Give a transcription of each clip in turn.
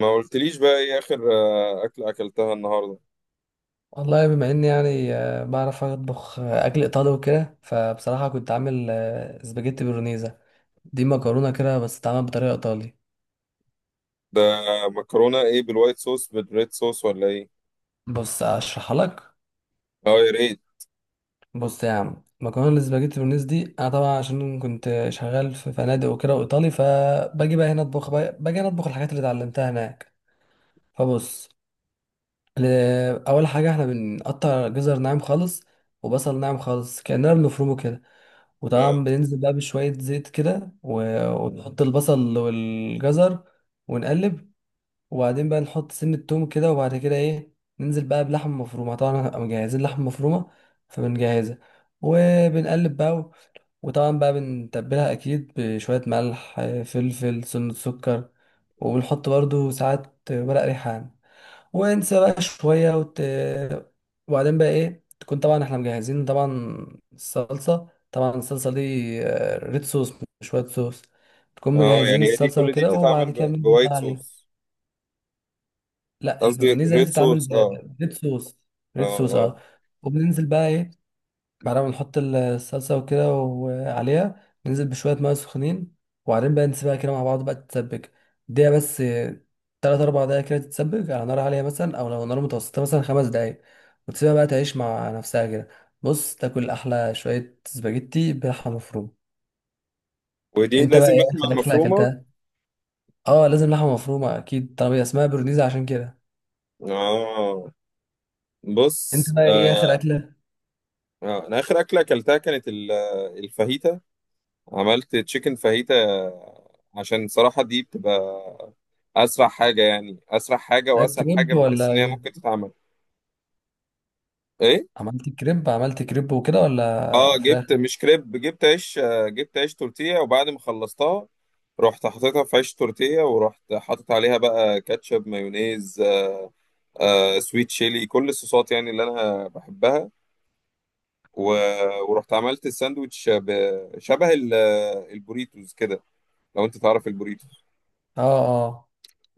ما قلتليش بقى ايه اخر اكلة اكلتها النهاردة؟ والله بما اني يعني بعرف اطبخ اكل ايطالي وكده. فبصراحه كنت عامل سباجيتي بولونيزا. دي مكرونه كده بس اتعملت بطريقه ايطالي. ده مكرونة ايه، بالوايت صوص بالريد صوص ولا ايه؟ بص اشرحها لك. اه، يا ريت. بص يا عم، مكرونه السباجيتي بولونيزا دي انا طبعا عشان كنت شغال في فنادق وكده وايطالي، فباجي بقى هنا باجي هنا اطبخ الحاجات اللي اتعلمتها هناك. فبص. ل- اول حاجه احنا بنقطع جزر ناعم خالص، وبصل ناعم خالص كاننا بنفرمه كده. وطبعا اه بننزل بقى بشوية زيت كده ونحط البصل والجزر، ونقلب. وبعدين بقى نحط سن التوم كده، وبعد كده ايه، ننزل بقى بلحمة مفرومة. طبعا هنبقى مجهزين لحمة مفرومة، فبنجهزها، وبنقلب بقى وطبعا بقى بنتبلها أكيد بشوية ملح، فلفل، سنة، سكر. وبنحط برضو ساعات ورق ريحان، وانسى بقى شوية وبعدين بقى ايه، تكون طبعا احنا مجهزين طبعا الصلصة. طبعا الصلصة دي، ريد صوص، مش وايت صوص. تكون اه، مجهزين يعني هي دي، الصلصة كل دي وكده، وبعد بتتعمل كده بننزل بوايت بقى عليها. صوص؟ لا قصدي البرونيزا دي ريد بتتعمل صوص، اه. بريد صوص. اه ريد صوص اه، اه. وبننزل بقى ايه، بعد ما نحط الصلصة وكده وعليها، ننزل بشوية مية سخنين. وبعدين بقى نسيبها كده مع بعض بقى تتسبك. دقيقة بس، تلات أربع دقايق كده تتسبك على نار عالية مثلا، أو لو نار متوسطة مثلا 5 دقايق. وتسيبها بقى تعيش مع نفسها كده. بص، تاكل أحلى شوية سباجيتي بلحمة مفرومة. ودي أنت بقى لازم إيه آخر لحمة أكلة مفرومة؟ أكلتها؟ أه لازم لحمة مفرومة أكيد طالما هي اسمها برونيزا، عشان كده. اه. أنت بص بقى إيه آخر أكلة؟ آه. انا اخر اكلة اكلتها كانت الفاهيتا. عملت تشيكن فاهيتا، عشان صراحة دي بتبقى اسرع حاجة، يعني اسرع حاجة لا واسهل حاجة كريب بحس ولا ان هي إيه؟ ممكن تتعمل. ايه؟ عملت كريب وكده، اه، ولا فراخ؟ جبت مش كريب، جبت عيش، جبت عيش تورتيه، وبعد ما خلصتها رحت حطيتها في عيش تورتيه، ورحت حاطط عليها بقى كاتشب مايونيز، آه، سويت شيلي، كل الصوصات يعني اللي انا بحبها. و... ورحت عملت الساندوتش شبه البوريتوز كده. لو انت تعرف البوريتوز. أه أه.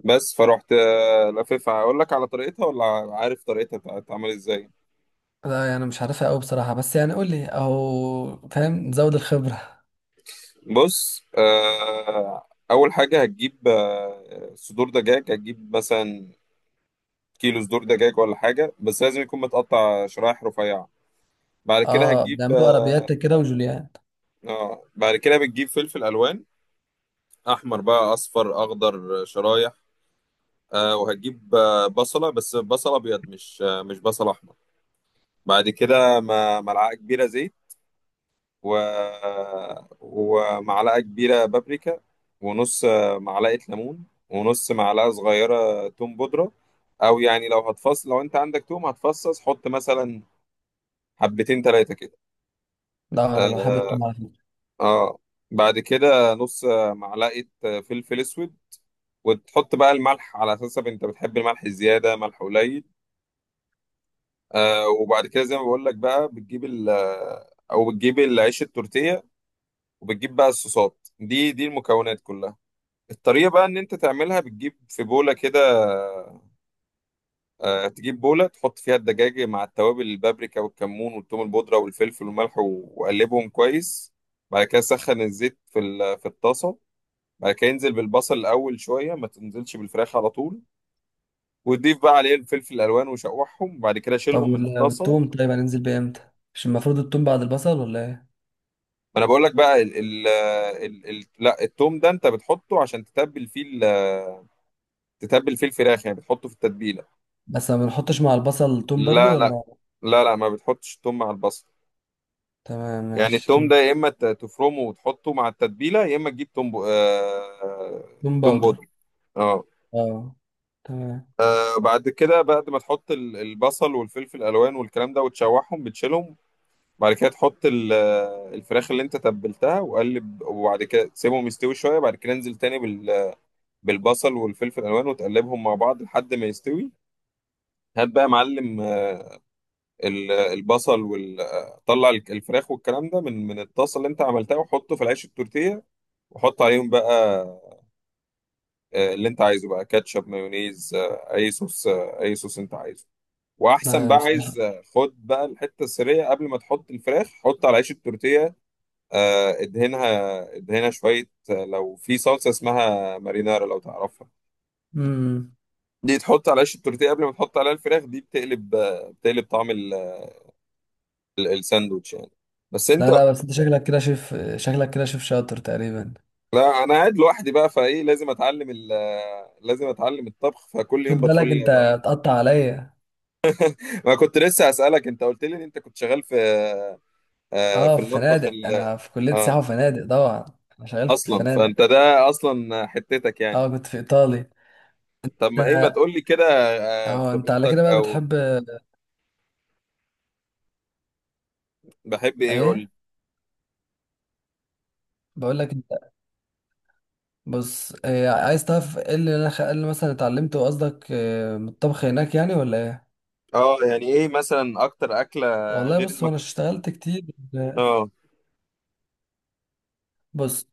بس فرحت، لففها اقول لك على طريقتها، ولا عارف طريقتها بتتعمل ازاي؟ لا يعني مش عارفها قوي بصراحة، بس يعني قول لي اهو، فاهم، نزود الخبرة. بص اول حاجه هتجيب صدور دجاج، هتجيب مثلا كيلو صدور دجاج ولا حاجة، بس لازم يكون متقطع شرايح رفيعة. بعد كده اه هتجيب. بنعملوا عربيات كده، وجوليان. اه، بعد كده بتجيب فلفل ألوان، أحمر بقى أصفر أخضر، شرايح. وهتجيب بصلة، بس بصلة أبيض، مش بصل أحمر. بعد كده ملعقة كبيرة زيت، و... ومعلقة كبيرة بابريكا، ونص معلقة ليمون، ونص معلقة صغيرة توم بودرة. أو يعني لو هتفصل، لو أنت عندك توم هتفصص، حط مثلا حبتين تلاتة كده. لا انا آه، بحب التوم على فكرة. اه، بعد كده نص معلقة فلفل اسود، وتحط بقى الملح على حسب، انت بتحب الملح زيادة، ملح قليل. وبعد كده زي ما بقول لك بقى، بتجيب ال آه، او بتجيب العيش التورتيه، وبتجيب بقى الصوصات دي، دي المكونات كلها. الطريقه بقى ان انت تعملها، بتجيب في بوله كده، تجيب بوله تحط فيها الدجاج مع التوابل، البابريكا والكمون والثوم البودره والفلفل والملح، وقلبهم كويس. بعد كده سخن الزيت في الطاسه. بعد كده ينزل بالبصل الاول شويه، ما تنزلش بالفراخ على طول، وتضيف بقى عليه الفلفل الالوان وشوحهم، وبعد كده طب شيلهم من الطاسه. ما والتوم طيب هننزل بيه امتى؟ مش المفروض التوم بعد البصل ولا ايه؟ انا بقول لك بقى، ال ال ال ال لا، التوم ده انت بتحطه عشان تتبل فيه تتبل فيه الفراخ، يعني بتحطه في التتبيله. بس ما بنحطش مع البصل توم برضو لا لا ولا؟ لا لا، ما بتحطش التوم مع البصل. تمام يعني ماشي كم. التوم ده يا اما تفرمه وتحطه مع التتبيله، يا اما تجيب توم توم توم باودر. بودر، اه. اه. تمام. بعد كده، بعد ما تحط البصل والفلفل الالوان والكلام ده وتشوحهم، بتشيلهم. بعد كده تحط الفراخ اللي انت تبلتها وقلب، وبعد كده تسيبهم يستوي شويه. بعد كده انزل تاني بالبصل والفلفل الالوان، وتقلبهم مع بعض لحد ما يستوي. هات بقى يا معلم، البصل وال آه، طلع الفراخ والكلام ده من الطاسه اللي انت عملتها، وحطه في العيش التورتيه، وحط عليهم بقى اللي انت عايزه بقى، كاتشب مايونيز، اي صوص، اي صوص انت عايزه. واحسن لا بقى، بصراحة. عايز خد بقى الحته السريه، قبل ما تحط الفراخ حط على عيش التورتيه، ادهنها. ادهنها شويه، لو في صلصه اسمها مارينارا، لو تعرفها، امم. دي تحط على عيش التورتيه قبل ما تحط عليها الفراخ، دي بتقلب، بتقلب طعم الساندوتش يعني. بس انت، لا لا، بس انت شكلك كده شيف، شكلك كده شيف شاطر تقريبا. لا، انا قاعد لوحدي بقى، فايه لازم اتعلم لازم اتعلم الطبخ، فكل خد يوم بالك بدخل اتعلم. انت تقطع عليا. ما كنت لسه اسالك، انت قلت لي ان انت كنت شغال في، اه في في المطبخ فنادق، انا في كلية سياحة اه، وفنادق طبعا. انا شغال في اصلا فنادق. فانت ده اصلا حتتك يعني. اه كنت في ايطالي. طب ما ايه، ما ده- تقول لي كده. اه انت على كده خبرتك بقى او بتحب بحب ايه، قول لي. ايه؟ بقول لك انت، بص إيه عايز تعرف؟ ايه اللي إيه اللي مثلا اتعلمته قصدك إيه، من الطبخ هناك يعني ولا ايه؟ اه، يعني ايه مثلا اكتر اكله والله غير بص، وانا المكرونه؟ اشتغلت كتير. اه، بص،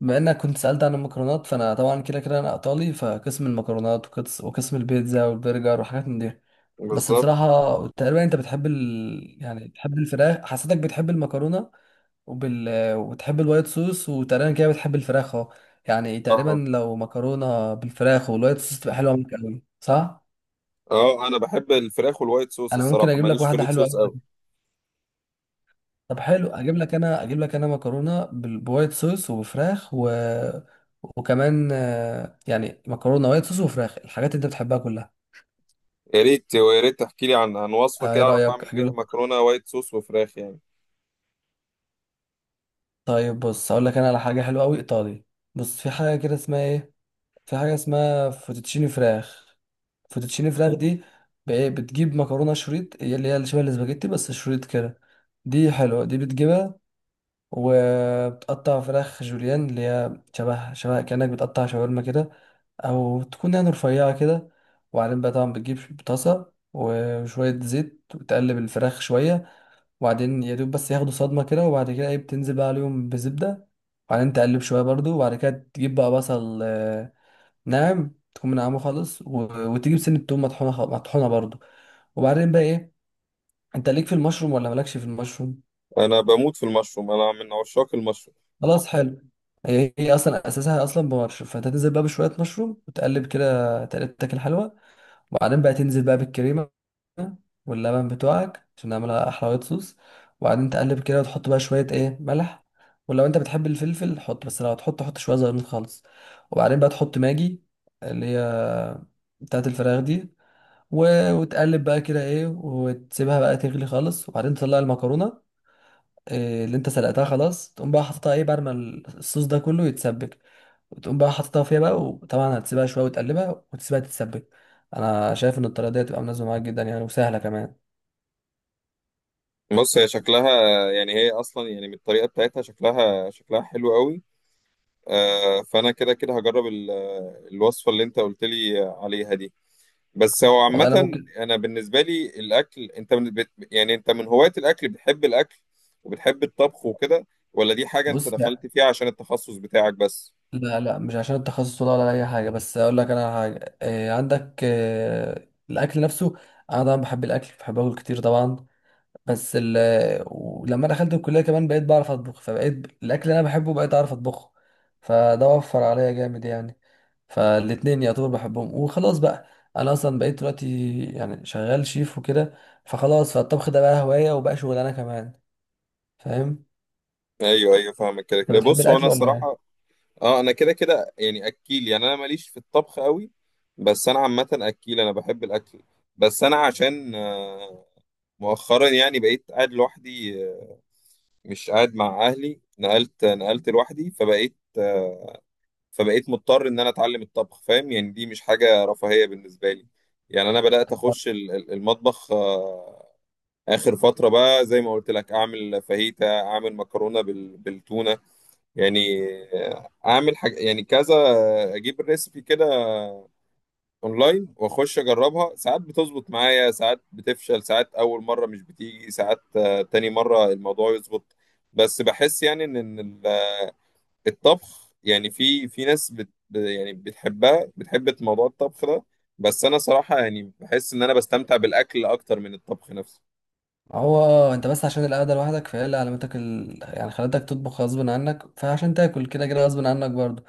بما انك كنت سألت عن المكرونات، فانا طبعا كده كده انا ايطالي، فقسم المكرونات وقسم البيتزا والبرجر وحاجات من دي. بس بالظبط. بصراحة، تقريبا انت بتحب يعني بتحب الفراخ، حسيتك بتحب المكرونة، وبال... وبتحب الوايت صوص، وتقريبا كده بتحب الفراخ اهو. يعني تقريبا اه لو مكرونه بالفراخ والوايت صوص، تبقى حلوه معاك قوي صح؟ اه، انا بحب الفراخ والوايت صوص انا ممكن الصراحه، اجيب لك ماليش في واحده الريد حلوه صوص قوي. قوي. طب حلو، اجيب لك انا مكرونه بوايت صوص وفراخ و... وكمان يعني مكرونه وايت صوص وفراخ، الحاجات اللي انت بتحبها كلها. يا ريت، ويا ريت تحكي لي عن وصفه ايه كده، اعرف رايك اعمل اجيب بيها لك؟ مكرونه وايت صوص وفراخ يعني. طيب بص اقول لك انا على حاجه حلوه قوي ايطالي. بص في حاجه كده اسمها ايه، في حاجة اسمها فوتوتشيني فراخ. فوتوتشيني فراخ دي، إيه، بتجيب مكرونة شريط، هي اللي شبه الاسباجيتي بس شريط كده. دي حلوة، دي بتجيبها. وبتقطع فراخ جوليان اللي هي شبه شبه كأنك بتقطع شاورما كده، أو تكون يعني رفيعة كده. وبعدين بقى طبعا بتجيب طاسة وشوية زيت، وتقلب الفراخ شوية. وبعدين يا دوب بس ياخدوا صدمة كده، وبعد كده ايه، بتنزل بقى عليهم بزبدة. وبعدين تقلب شوية برضو، وبعد كده تجيب بقى بصل ناعم، تكون منعمه خالص، و... وتجيب سن التوم مطحونه، مطحونه برضو. وبعدين بقى ايه، انت ليك في المشروم ولا مالكش في المشروم؟ انا بموت في المشروم، انا من عشاق المشروم. خلاص حلو. هي اصلا اساسها اصلا بمشروم، فانت تنزل بقى بشويه مشروم، وتقلب كده تقلبتك الحلوه. وبعدين بقى تنزل بقى بالكريمه واللبن بتوعك، عشان نعملها احلى وايت صوص. وبعدين تقلب كده، وتحط بقى شويه ايه ملح. ولو انت بتحب الفلفل حط، بس لو هتحط، حط شويه زيتون خالص. وبعدين بقى تحط ماجي، اللي هي بتاعت الفراخ دي. وتقلب بقى كده ايه، وتسيبها بقى تغلي خالص. وبعدين تطلع المكرونه إيه اللي انت سلقتها، خلاص تقوم بقى حاططها ايه بعد ما الصوص ده كله يتسبك. وتقوم بقى حاططها فيها بقى، وطبعا هتسيبها شويه وتقلبها وتسيبها تتسبك. انا شايف ان الطريقه دي هتبقى مناسبه معاك جدا يعني، وسهله كمان. بص، هي شكلها، يعني هي اصلا يعني من الطريقه بتاعتها، شكلها حلو قوي. آه، فانا كده كده هجرب الوصفه اللي انت قلت لي عليها دي. بس هو والله انا عامة، ممكن. أنا بالنسبة لي الأكل، أنت من يعني أنت من هواة الأكل، بتحب الأكل وبتحب الطبخ وكده، ولا دي حاجة أنت بص، لا. دخلت فيها عشان التخصص بتاعك بس؟ لا لا مش عشان التخصص، ولا اي حاجه. بس اقول لك انا على حاجه، إيه عندك إيه الاكل نفسه؟ انا طبعا بحب الاكل، بحب اكل كتير طبعا. بس ولما دخلت الكلية كمان بقيت بعرف أطبخ، فبقيت الأكل اللي أنا بحبه بقيت أعرف أطبخه. فده وفر عليا جامد يعني. فالاتنين يعتبر بحبهم، وخلاص بقى. أنا أصلا بقيت دلوقتي يعني شغال شيف وكده، فخلاص فالطبخ ده بقى هواية وبقى شغلانة كمان. فاهم؟ أيوه أيوه، فاهمك. كده أنت كده بتحب بص، هو أنا الأكل ولا إيه؟ الصراحة، أه أنا كده كده يعني أكيل، يعني أنا ماليش في الطبخ قوي، بس أنا عامة أكيل، أنا بحب الأكل. بس أنا عشان مؤخرا يعني بقيت قاعد لوحدي، مش قاعد مع أهلي، نقلت لوحدي، فبقيت مضطر ان انا اتعلم الطبخ، فاهم يعني، دي مش حاجة رفاهية بالنسبة لي. يعني انا بدأت اخش المطبخ، اخر فترة بقى زي ما قلت لك، اعمل فاهيتا، اعمل مكرونة بالتونة يعني، اعمل حاجة يعني كذا، اجيب الريسبي كده اونلاين واخش اجربها، ساعات بتظبط معايا، ساعات بتفشل، ساعات اول مرة مش بتيجي، ساعات تاني مرة الموضوع يظبط. بس بحس يعني ان الطبخ يعني، في ناس يعني بتحبها، بتحب موضوع الطبخ ده. بس انا صراحة يعني بحس ان انا بستمتع بالاكل اكتر من الطبخ نفسه. هو اه انت بس عشان القعده لوحدك، فهي اللي علمتك يعني خلتك تطبخ غصب عنك، فعشان تاكل كده كده غصب عنك برضو.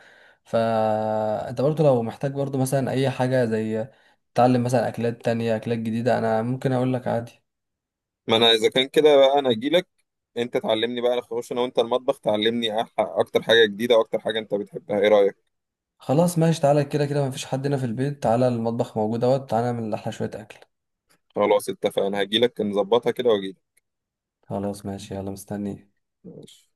فانت برضو لو محتاج برضو مثلا اي حاجه، زي تتعلم مثلا اكلات تانية، اكلات جديده، انا ممكن اقول لك عادي. ما انا اذا كان كده بقى، انا هجيلك انت تعلمني بقى، نخش انا وانت المطبخ تعلمني اكتر حاجة جديدة، واكتر حاجة انت بتحبها، ايه رأيك؟ خلاص ماشي، تعالى، كده كده مفيش حد هنا في البيت، تعالى المطبخ موجود اهوت، تعالى نعمل احلى شويه اكل. خلاص اتفقنا، هجيلك نظبطها كده واجيلك. خلاص ماشي يلا مستنيك. ماشي.